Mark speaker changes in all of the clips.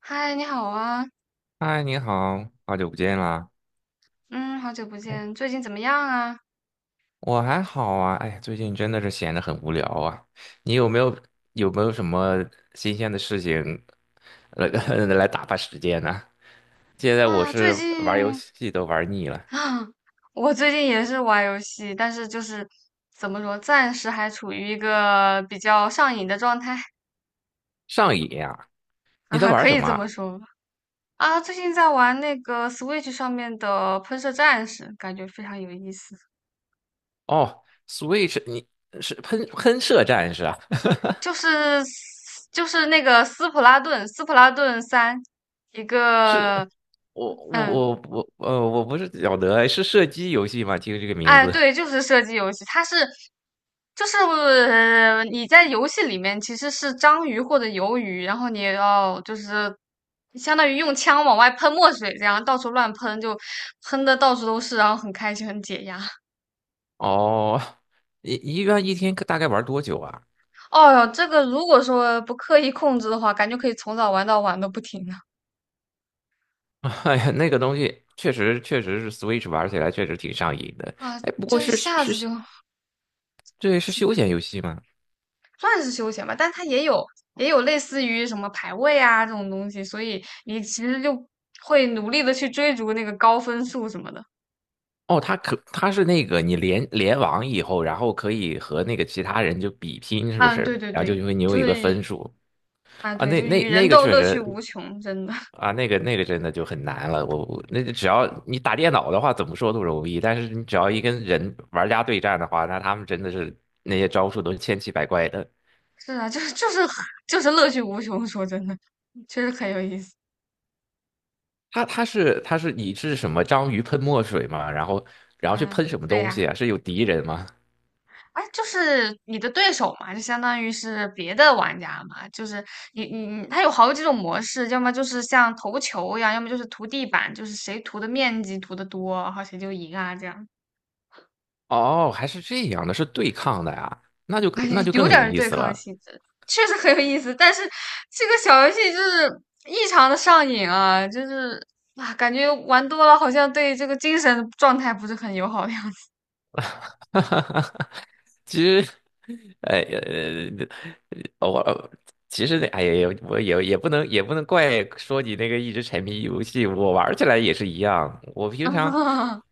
Speaker 1: 嗨，你好啊。
Speaker 2: 嗨，你好，好久不见啦！
Speaker 1: 嗯，好久不
Speaker 2: 哎，
Speaker 1: 见，最近怎么样啊？
Speaker 2: 我还好啊，哎，最近真的是闲得很无聊啊。你有没有什么新鲜的事情来 来打发时间呢？现在我
Speaker 1: 啊，最
Speaker 2: 是玩游
Speaker 1: 近
Speaker 2: 戏都玩腻 了，
Speaker 1: 啊，我最近也是玩游戏，但是就是怎么说，暂时还处于一个比较上瘾的状态。
Speaker 2: 上瘾呀！你在
Speaker 1: 啊，
Speaker 2: 玩
Speaker 1: 可
Speaker 2: 什
Speaker 1: 以
Speaker 2: 么
Speaker 1: 这么
Speaker 2: 啊？
Speaker 1: 说吧。啊，最近在玩那个 Switch 上面的《喷射战士》，感觉非常有意思。
Speaker 2: 哦，Switch，你是喷射战士啊？
Speaker 1: 就是就是那个斯普拉顿三，一 个。
Speaker 2: 是，我我
Speaker 1: 嗯。
Speaker 2: 我我我不是晓得，哎，是射击游戏吗？听这个名
Speaker 1: 哎，
Speaker 2: 字。
Speaker 1: 对，就是射击游戏。就是你在游戏里面其实是章鱼或者鱿鱼，然后你要就是相当于用枪往外喷墨水，这样到处乱喷，就喷的到处都是，然后很开心，很解压。
Speaker 2: 哦，一般一天大概玩多久啊？
Speaker 1: 哦哟，这个如果说不刻意控制的话，感觉可以从早玩到晚都不停的。
Speaker 2: 哎呀，那个东西确实是 Switch 玩起来确实挺上瘾的。
Speaker 1: 啊，
Speaker 2: 哎，不过
Speaker 1: 这一
Speaker 2: 是
Speaker 1: 下
Speaker 2: 是
Speaker 1: 子
Speaker 2: 是，
Speaker 1: 就
Speaker 2: 对，是休闲游戏吗？
Speaker 1: 算是休闲吧，但它也有类似于什么排位啊这种东西，所以你其实就会努力的去追逐那个高分数什么的。
Speaker 2: 哦，它是那个你联网以后，然后可以和那个其他人就比拼，是不
Speaker 1: 啊，
Speaker 2: 是？
Speaker 1: 对对
Speaker 2: 然后就
Speaker 1: 对。
Speaker 2: 因为你有一个分数。
Speaker 1: 啊，
Speaker 2: 啊，
Speaker 1: 对，
Speaker 2: 那
Speaker 1: 就是
Speaker 2: 那
Speaker 1: 与人
Speaker 2: 那个
Speaker 1: 斗，
Speaker 2: 确
Speaker 1: 乐趣
Speaker 2: 实，
Speaker 1: 无穷，真的。
Speaker 2: 啊，那个真的就很难了。那只要你打电脑的话，怎么说都容易，但是你只要一跟人玩家对战的话，那他们真的是那些招数都是千奇百怪的。
Speaker 1: 是啊，就是 就是乐趣无穷，说真的，确实很有意思。
Speaker 2: 它它是它是你是什么章鱼喷墨水吗？然后去
Speaker 1: 啊，
Speaker 2: 喷什么
Speaker 1: 对
Speaker 2: 东
Speaker 1: 呀。
Speaker 2: 西啊？是有敌人吗？
Speaker 1: 哎，就是你的对手嘛，就相当于是别的玩家嘛，就是你，它有好几种模式，要么就是像投球一样，要么就是涂地板，就是谁涂的面积涂的多，然后谁就赢啊，这样。
Speaker 2: 哦，还是这样的，是对抗的呀，那就更
Speaker 1: 哎，
Speaker 2: 那就
Speaker 1: 有
Speaker 2: 更
Speaker 1: 点
Speaker 2: 有
Speaker 1: 儿
Speaker 2: 意
Speaker 1: 对
Speaker 2: 思
Speaker 1: 抗
Speaker 2: 了。
Speaker 1: 性质，确实很有意思。但是这个小游戏就是异常的上瘾啊。就是啊，感觉玩多了好像对这个精神状态不是很友好的样子。
Speaker 2: 其实，哎，我其实哎呀，我也不能怪说你那个一直沉迷于游戏，我玩起来也是一样。我平常。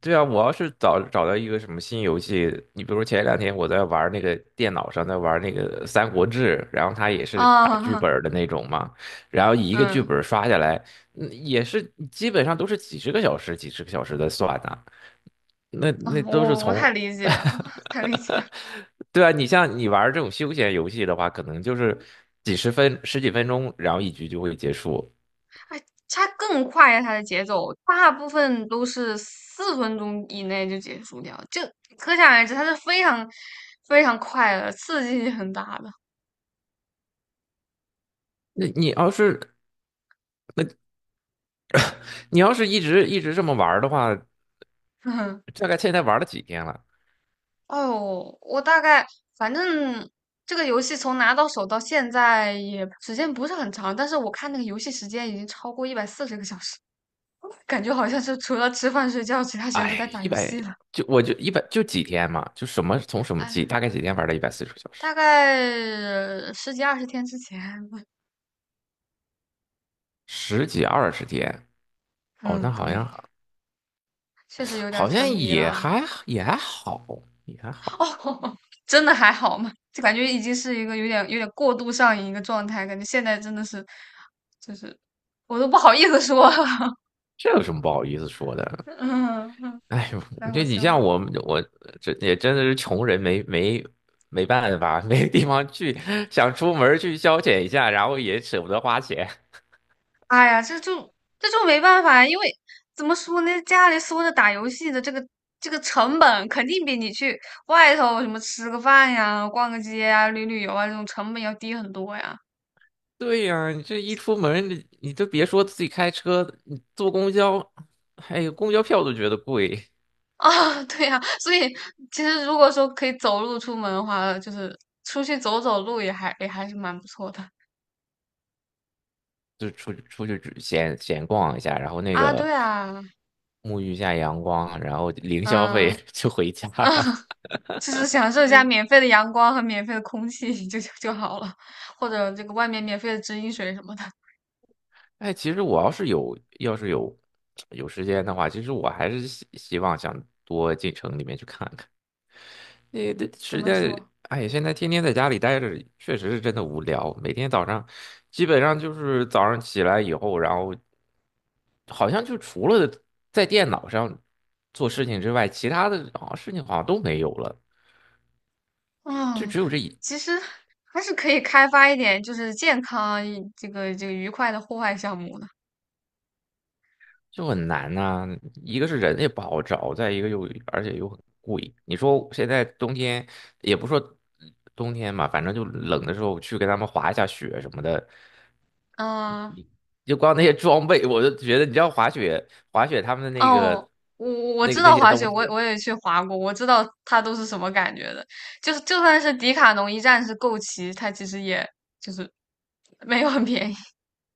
Speaker 2: 对啊，我要是找到一个什么新游戏，你比如前两天我在玩那个电脑上在玩那个《三国志》，然后它也是打剧
Speaker 1: 啊。
Speaker 2: 本儿的那种嘛，然后一个剧
Speaker 1: 嗯。
Speaker 2: 本儿刷下来，也是基本上都是几十个小时、几十个小时的算呐。那
Speaker 1: 啊，
Speaker 2: 那都是
Speaker 1: 我太
Speaker 2: 从……
Speaker 1: 理解了。太理解了。
Speaker 2: 对啊，你像你玩这种休闲游戏的话，可能就是几十分、十几分钟，然后一局就会结束。
Speaker 1: 它更快呀，它的节奏大部分都是4分钟以内就结束掉，就可想而知，它是非常非常快的，刺激性很大的。
Speaker 2: 那你要是一直这么玩儿的话，
Speaker 1: 嗯。
Speaker 2: 大概现在玩了几天了？
Speaker 1: 哎呦，我大概反正这个游戏从拿到手到现在也时间不是很长，但是我看那个游戏时间已经超过140个小时，感觉好像是除了吃饭睡觉，其他时间都
Speaker 2: 哎，
Speaker 1: 在打
Speaker 2: 一
Speaker 1: 游
Speaker 2: 百
Speaker 1: 戏了。
Speaker 2: 就我就一百就几天嘛，就什么从什么
Speaker 1: 哎，
Speaker 2: 几大概几天玩了140个小时，
Speaker 1: 大概十几二十天之前。
Speaker 2: 十几二十天。哦，那
Speaker 1: 嗯，
Speaker 2: 好像
Speaker 1: 对，确实有点
Speaker 2: 好
Speaker 1: 沉
Speaker 2: 像
Speaker 1: 迷了
Speaker 2: 也
Speaker 1: 啊。
Speaker 2: 还也还好，也还 好，
Speaker 1: 哦，真的还好吗？就感觉已经是一个有点过度上瘾一个状态，感觉现在真的是，就是我都不好意思说。
Speaker 2: 这有什么不好意思说 的？
Speaker 1: 嗯嗯，
Speaker 2: 哎呦，
Speaker 1: 太好
Speaker 2: 这你
Speaker 1: 笑
Speaker 2: 像
Speaker 1: 了。
Speaker 2: 我们这也真的是穷人没办法，没地方去，想出门儿去消遣一下，然后也舍不得花钱。
Speaker 1: 哎呀，这就没办法，因为怎么说呢，家里缩着打游戏的这个成本，肯定比你去外头什么吃个饭呀、逛个街呀、旅游啊这种成本要低很多呀。
Speaker 2: 对呀，你这一出门，你都别说自己开车，你坐公交，哎呦，公交票都觉得贵。
Speaker 1: 啊。对呀，所以其实如果说可以走路出门的话，就是出去走走路也还是蛮不错的。
Speaker 2: 就出去只闲逛一下，然后那
Speaker 1: 啊，
Speaker 2: 个
Speaker 1: 对啊。
Speaker 2: 沐浴一下阳光，然后零消费
Speaker 1: 嗯，
Speaker 2: 就回家。
Speaker 1: 就是享受一下免费的阳光和免费的空气。 就好了，或者这个外面免费的直饮水什么的。
Speaker 2: 哎，其实我要是有时间的话，其实我还是希望想多进城里面去看看。那
Speaker 1: 怎
Speaker 2: 实
Speaker 1: 么
Speaker 2: 在……
Speaker 1: 说？
Speaker 2: 哎，现在天天在家里待着，确实是真的无聊。每天早上基本上就是早上起来以后，然后好像就除了在电脑上做事情之外，其他的好像事情好像都没有了。就
Speaker 1: 啊，
Speaker 2: 只有这一……
Speaker 1: 其实还是可以开发一点，就是健康这个愉快的户外项目的。
Speaker 2: 就很难呐，一个是人也不好找，再一个又而且又很贵。你说现在冬天也不说冬天嘛，反正就冷的时候去跟他们滑一下雪什么的，
Speaker 1: 嗯。
Speaker 2: 就光那些装备，我就觉得你知道滑雪他们的那
Speaker 1: 哦，
Speaker 2: 个
Speaker 1: 我我
Speaker 2: 那个
Speaker 1: 知
Speaker 2: 那
Speaker 1: 道
Speaker 2: 些
Speaker 1: 滑雪，
Speaker 2: 东
Speaker 1: 我也
Speaker 2: 西。
Speaker 1: 我也去滑过，我知道它都是什么感觉的。就是就算是迪卡侬一站式购齐，它其实也就是没有很便宜。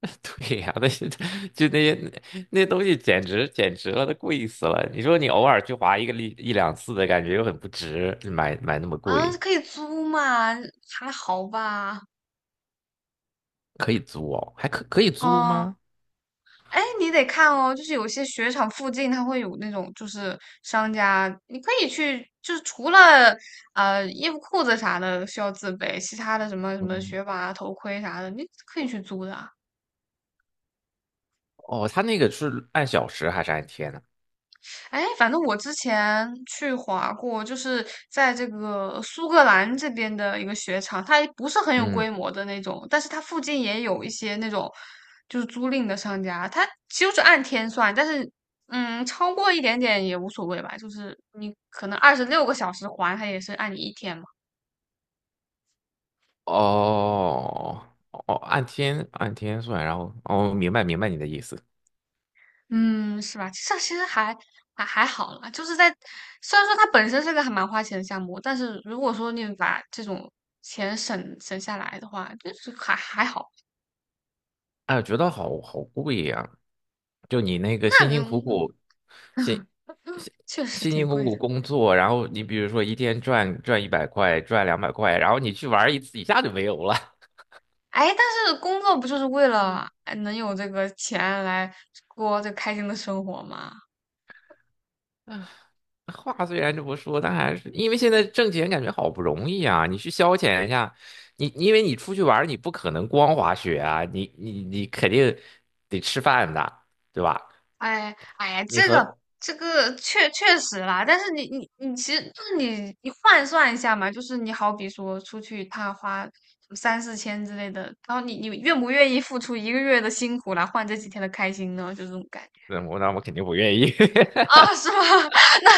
Speaker 2: 对呀，那些就那些那些东西简直了，都贵死了。你说你偶尔去滑一个一两次的感觉又很不值，买那么
Speaker 1: 啊，
Speaker 2: 贵。
Speaker 1: 可以租嘛，还好吧。
Speaker 2: 可以租哦，还可以租
Speaker 1: 哦。
Speaker 2: 吗？
Speaker 1: 哎，你得看哦，就是有些雪场附近它会有那种就是商家，你可以去，就是除了衣服裤子啥的需要自备，其他的什么什么
Speaker 2: 嗯。
Speaker 1: 雪板啊、头盔啥的，你可以去租的啊。
Speaker 2: 哦，他那个是按小时还是按天呢？
Speaker 1: 哎，反正我之前去滑过，就是在这个苏格兰这边的一个雪场，它不是很有
Speaker 2: 嗯，
Speaker 1: 规模的那种，但是它附近也有一些那种就是租赁的商家，它就是按天算。但是超过一点点也无所谓吧，就是你可能26个小时还，它也是按你一天嘛。
Speaker 2: 哦，哦，按天算。然后哦，明白你的意思。
Speaker 1: 嗯，是吧？其实还好啦，就是在虽然说它本身是个还蛮花钱的项目，但是如果说你把这种钱省省下来的话，就是还好。
Speaker 2: 哎，我觉得好贵呀，就你那个
Speaker 1: 那
Speaker 2: 辛辛苦
Speaker 1: 个
Speaker 2: 苦，辛辛
Speaker 1: 确实
Speaker 2: 辛辛
Speaker 1: 挺
Speaker 2: 苦
Speaker 1: 贵的。
Speaker 2: 苦工作，然后你比如说一天赚100块，赚200块，然后你去玩一次，一下就没有了。
Speaker 1: 哎，但是工作不就是为了哎能有这个钱来过这开心的生活吗？
Speaker 2: 话虽然这么说，但还是因为现在挣钱感觉好不容易啊，你去消遣一下，你因为你出去玩儿你不可能光滑雪啊，你肯定得吃饭的，对吧？
Speaker 1: 哎哎呀，
Speaker 2: 你
Speaker 1: 这个
Speaker 2: 和
Speaker 1: 这个确确实啦，但是你其实就是你换算一下嘛，就是你好比说出去他花三四千之类的，然后你愿不愿意付出1个月的辛苦来换这几天的开心呢？就这种感觉
Speaker 2: 嗯，那我肯定不愿意。
Speaker 1: 啊，是吗？那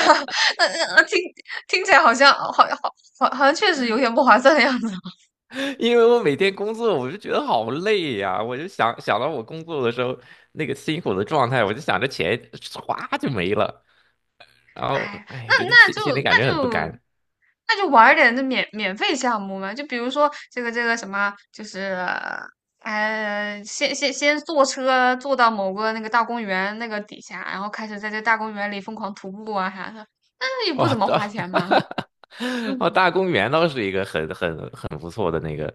Speaker 1: 那听起来好像好好好好像确实有点不划算的样子。
Speaker 2: 因为我每天工作，我就觉得好累呀。我就想到我工作的时候那个辛苦的状态，我就想着钱唰就没了，然后
Speaker 1: 哎，那
Speaker 2: 哎，这
Speaker 1: 那
Speaker 2: 心
Speaker 1: 就
Speaker 2: 心里感觉
Speaker 1: 那
Speaker 2: 很不
Speaker 1: 就。
Speaker 2: 甘。
Speaker 1: 那就玩儿点那免费项目嘛，就比如说这个什么，就是先坐车坐到某个那个大公园那个底下，然后开始在这大公园里疯狂徒步啊啥的，那也不
Speaker 2: 哇，
Speaker 1: 怎么花钱嘛。
Speaker 2: 哦，
Speaker 1: 嗯。
Speaker 2: 大公园倒是一个很不错的那个，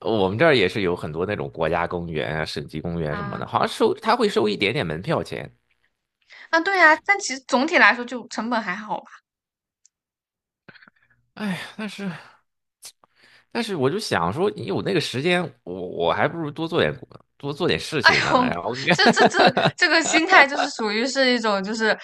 Speaker 2: 我们这儿也是有很多那种国家公园啊、省级公园什么的，
Speaker 1: 啊，
Speaker 2: 好像他会收一点点门票钱。
Speaker 1: 啊，对呀、但其实总体来说就成本还好吧。
Speaker 2: 哎呀，但是我就想说，你有那个时间，我还不如多做点 事
Speaker 1: 哎
Speaker 2: 情呢。
Speaker 1: 呦，
Speaker 2: 然后
Speaker 1: 这这 这这个心态就是属于是一种就是，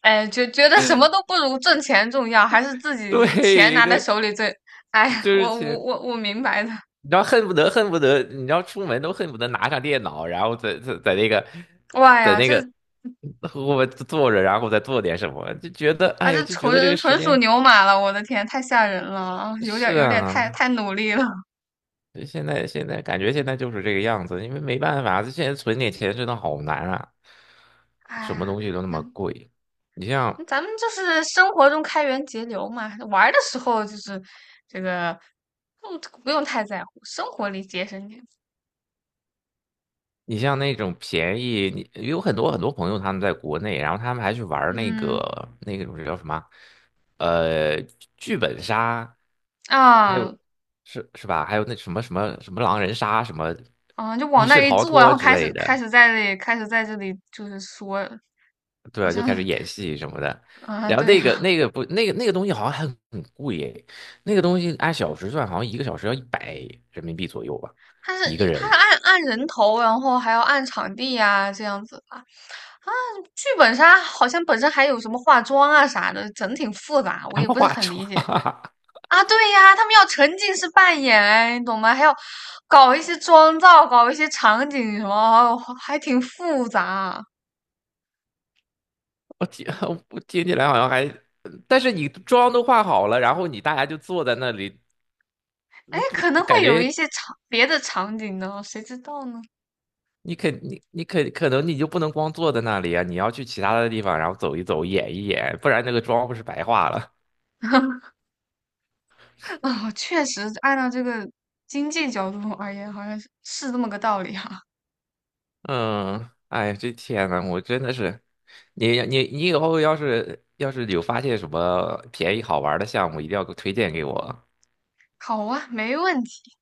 Speaker 1: 哎，觉得什么都不如挣钱重要，还是自己这个钱
Speaker 2: 对
Speaker 1: 拿在
Speaker 2: 对，
Speaker 1: 手里最，哎呀，
Speaker 2: 就是
Speaker 1: 我我
Speaker 2: 钱，
Speaker 1: 我我明白的。
Speaker 2: 你知道，恨不得恨不得，你知道出门都恨不得拿上电脑，然后在那个
Speaker 1: 哇
Speaker 2: 在
Speaker 1: 呀，
Speaker 2: 那个
Speaker 1: 这
Speaker 2: 我坐着，然后再做点什么，就觉得
Speaker 1: 啊
Speaker 2: 哎呀，
Speaker 1: 这
Speaker 2: 就觉得这
Speaker 1: 纯
Speaker 2: 个时
Speaker 1: 纯属
Speaker 2: 间。
Speaker 1: 牛马了，我的天，太吓人了啊，有点
Speaker 2: 是
Speaker 1: 有点太
Speaker 2: 啊，
Speaker 1: 太努力了。
Speaker 2: 现在感觉现在就是这个样子，因为没办法，这现在存点钱真的好难啊，什么
Speaker 1: 哎，
Speaker 2: 东西都那么
Speaker 1: 那
Speaker 2: 贵。你
Speaker 1: 那
Speaker 2: 像
Speaker 1: 咱们就是生活中开源节流嘛，玩儿的时候就是这个，不用太在乎，生活里节省点。
Speaker 2: 你像那种便宜，你有很多很多朋友他们在国内，然后他们还去玩儿那
Speaker 1: 嗯
Speaker 2: 个那个种叫什么，呃，剧本杀，还
Speaker 1: 啊。
Speaker 2: 有是是吧？还有那什么狼人杀、什么
Speaker 1: 啊，就
Speaker 2: 密
Speaker 1: 往那
Speaker 2: 室
Speaker 1: 一
Speaker 2: 逃
Speaker 1: 坐，然
Speaker 2: 脱
Speaker 1: 后
Speaker 2: 之
Speaker 1: 开始
Speaker 2: 类
Speaker 1: 开
Speaker 2: 的。
Speaker 1: 始在这里开始在这里就是说，好
Speaker 2: 对，就开始
Speaker 1: 像。
Speaker 2: 演 戏什么的。
Speaker 1: 啊，
Speaker 2: 然后
Speaker 1: 对
Speaker 2: 那个
Speaker 1: 呀，
Speaker 2: 那个不那个那个东西好像还很贵耶，那个东西按小时算，好像1个小时要100人民币左右吧，
Speaker 1: 他
Speaker 2: 一个
Speaker 1: 是他是
Speaker 2: 人
Speaker 1: 按人头，然后还要按场地呀、这样子吧。啊，剧本杀好像本身还有什么化妆啊啥的，整挺复杂，我
Speaker 2: 还
Speaker 1: 也
Speaker 2: 要
Speaker 1: 不是
Speaker 2: 化
Speaker 1: 很
Speaker 2: 妆。
Speaker 1: 理解。 啊。对呀，他们要沉浸式扮演，哎，你懂吗？还要搞一些妆造，搞一些场景什么，还挺复杂啊。
Speaker 2: 我听我听起来好像还……但是你妆都化好了，然后你大家就坐在那里，
Speaker 1: 哎，
Speaker 2: 那不
Speaker 1: 可能
Speaker 2: 感
Speaker 1: 会有一
Speaker 2: 觉
Speaker 1: 些别的场景呢，谁知道呢？
Speaker 2: 你可能你就不能光坐在那里啊，你要去其他的地方，然后走一走，演一演，不然那个妆不是白化了。
Speaker 1: 啊，确实按照这个经济角度而言，好像是这么个道理哈。
Speaker 2: 嗯，哎，这天呐，我真的是，你以后要是有发现什么便宜好玩的项目，一定要给我推荐给我。
Speaker 1: 好啊，没问题。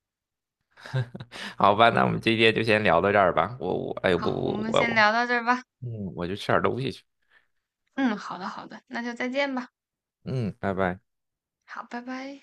Speaker 2: 好吧，那我们今天就先聊到这儿吧。我我哎我
Speaker 1: 好，我
Speaker 2: 我
Speaker 1: 们
Speaker 2: 我
Speaker 1: 先
Speaker 2: 我，
Speaker 1: 聊到这儿吧。
Speaker 2: 嗯，我去吃点东西去。
Speaker 1: 嗯，好的，好的，那就再见吧。
Speaker 2: 嗯，拜拜。
Speaker 1: 好，拜拜。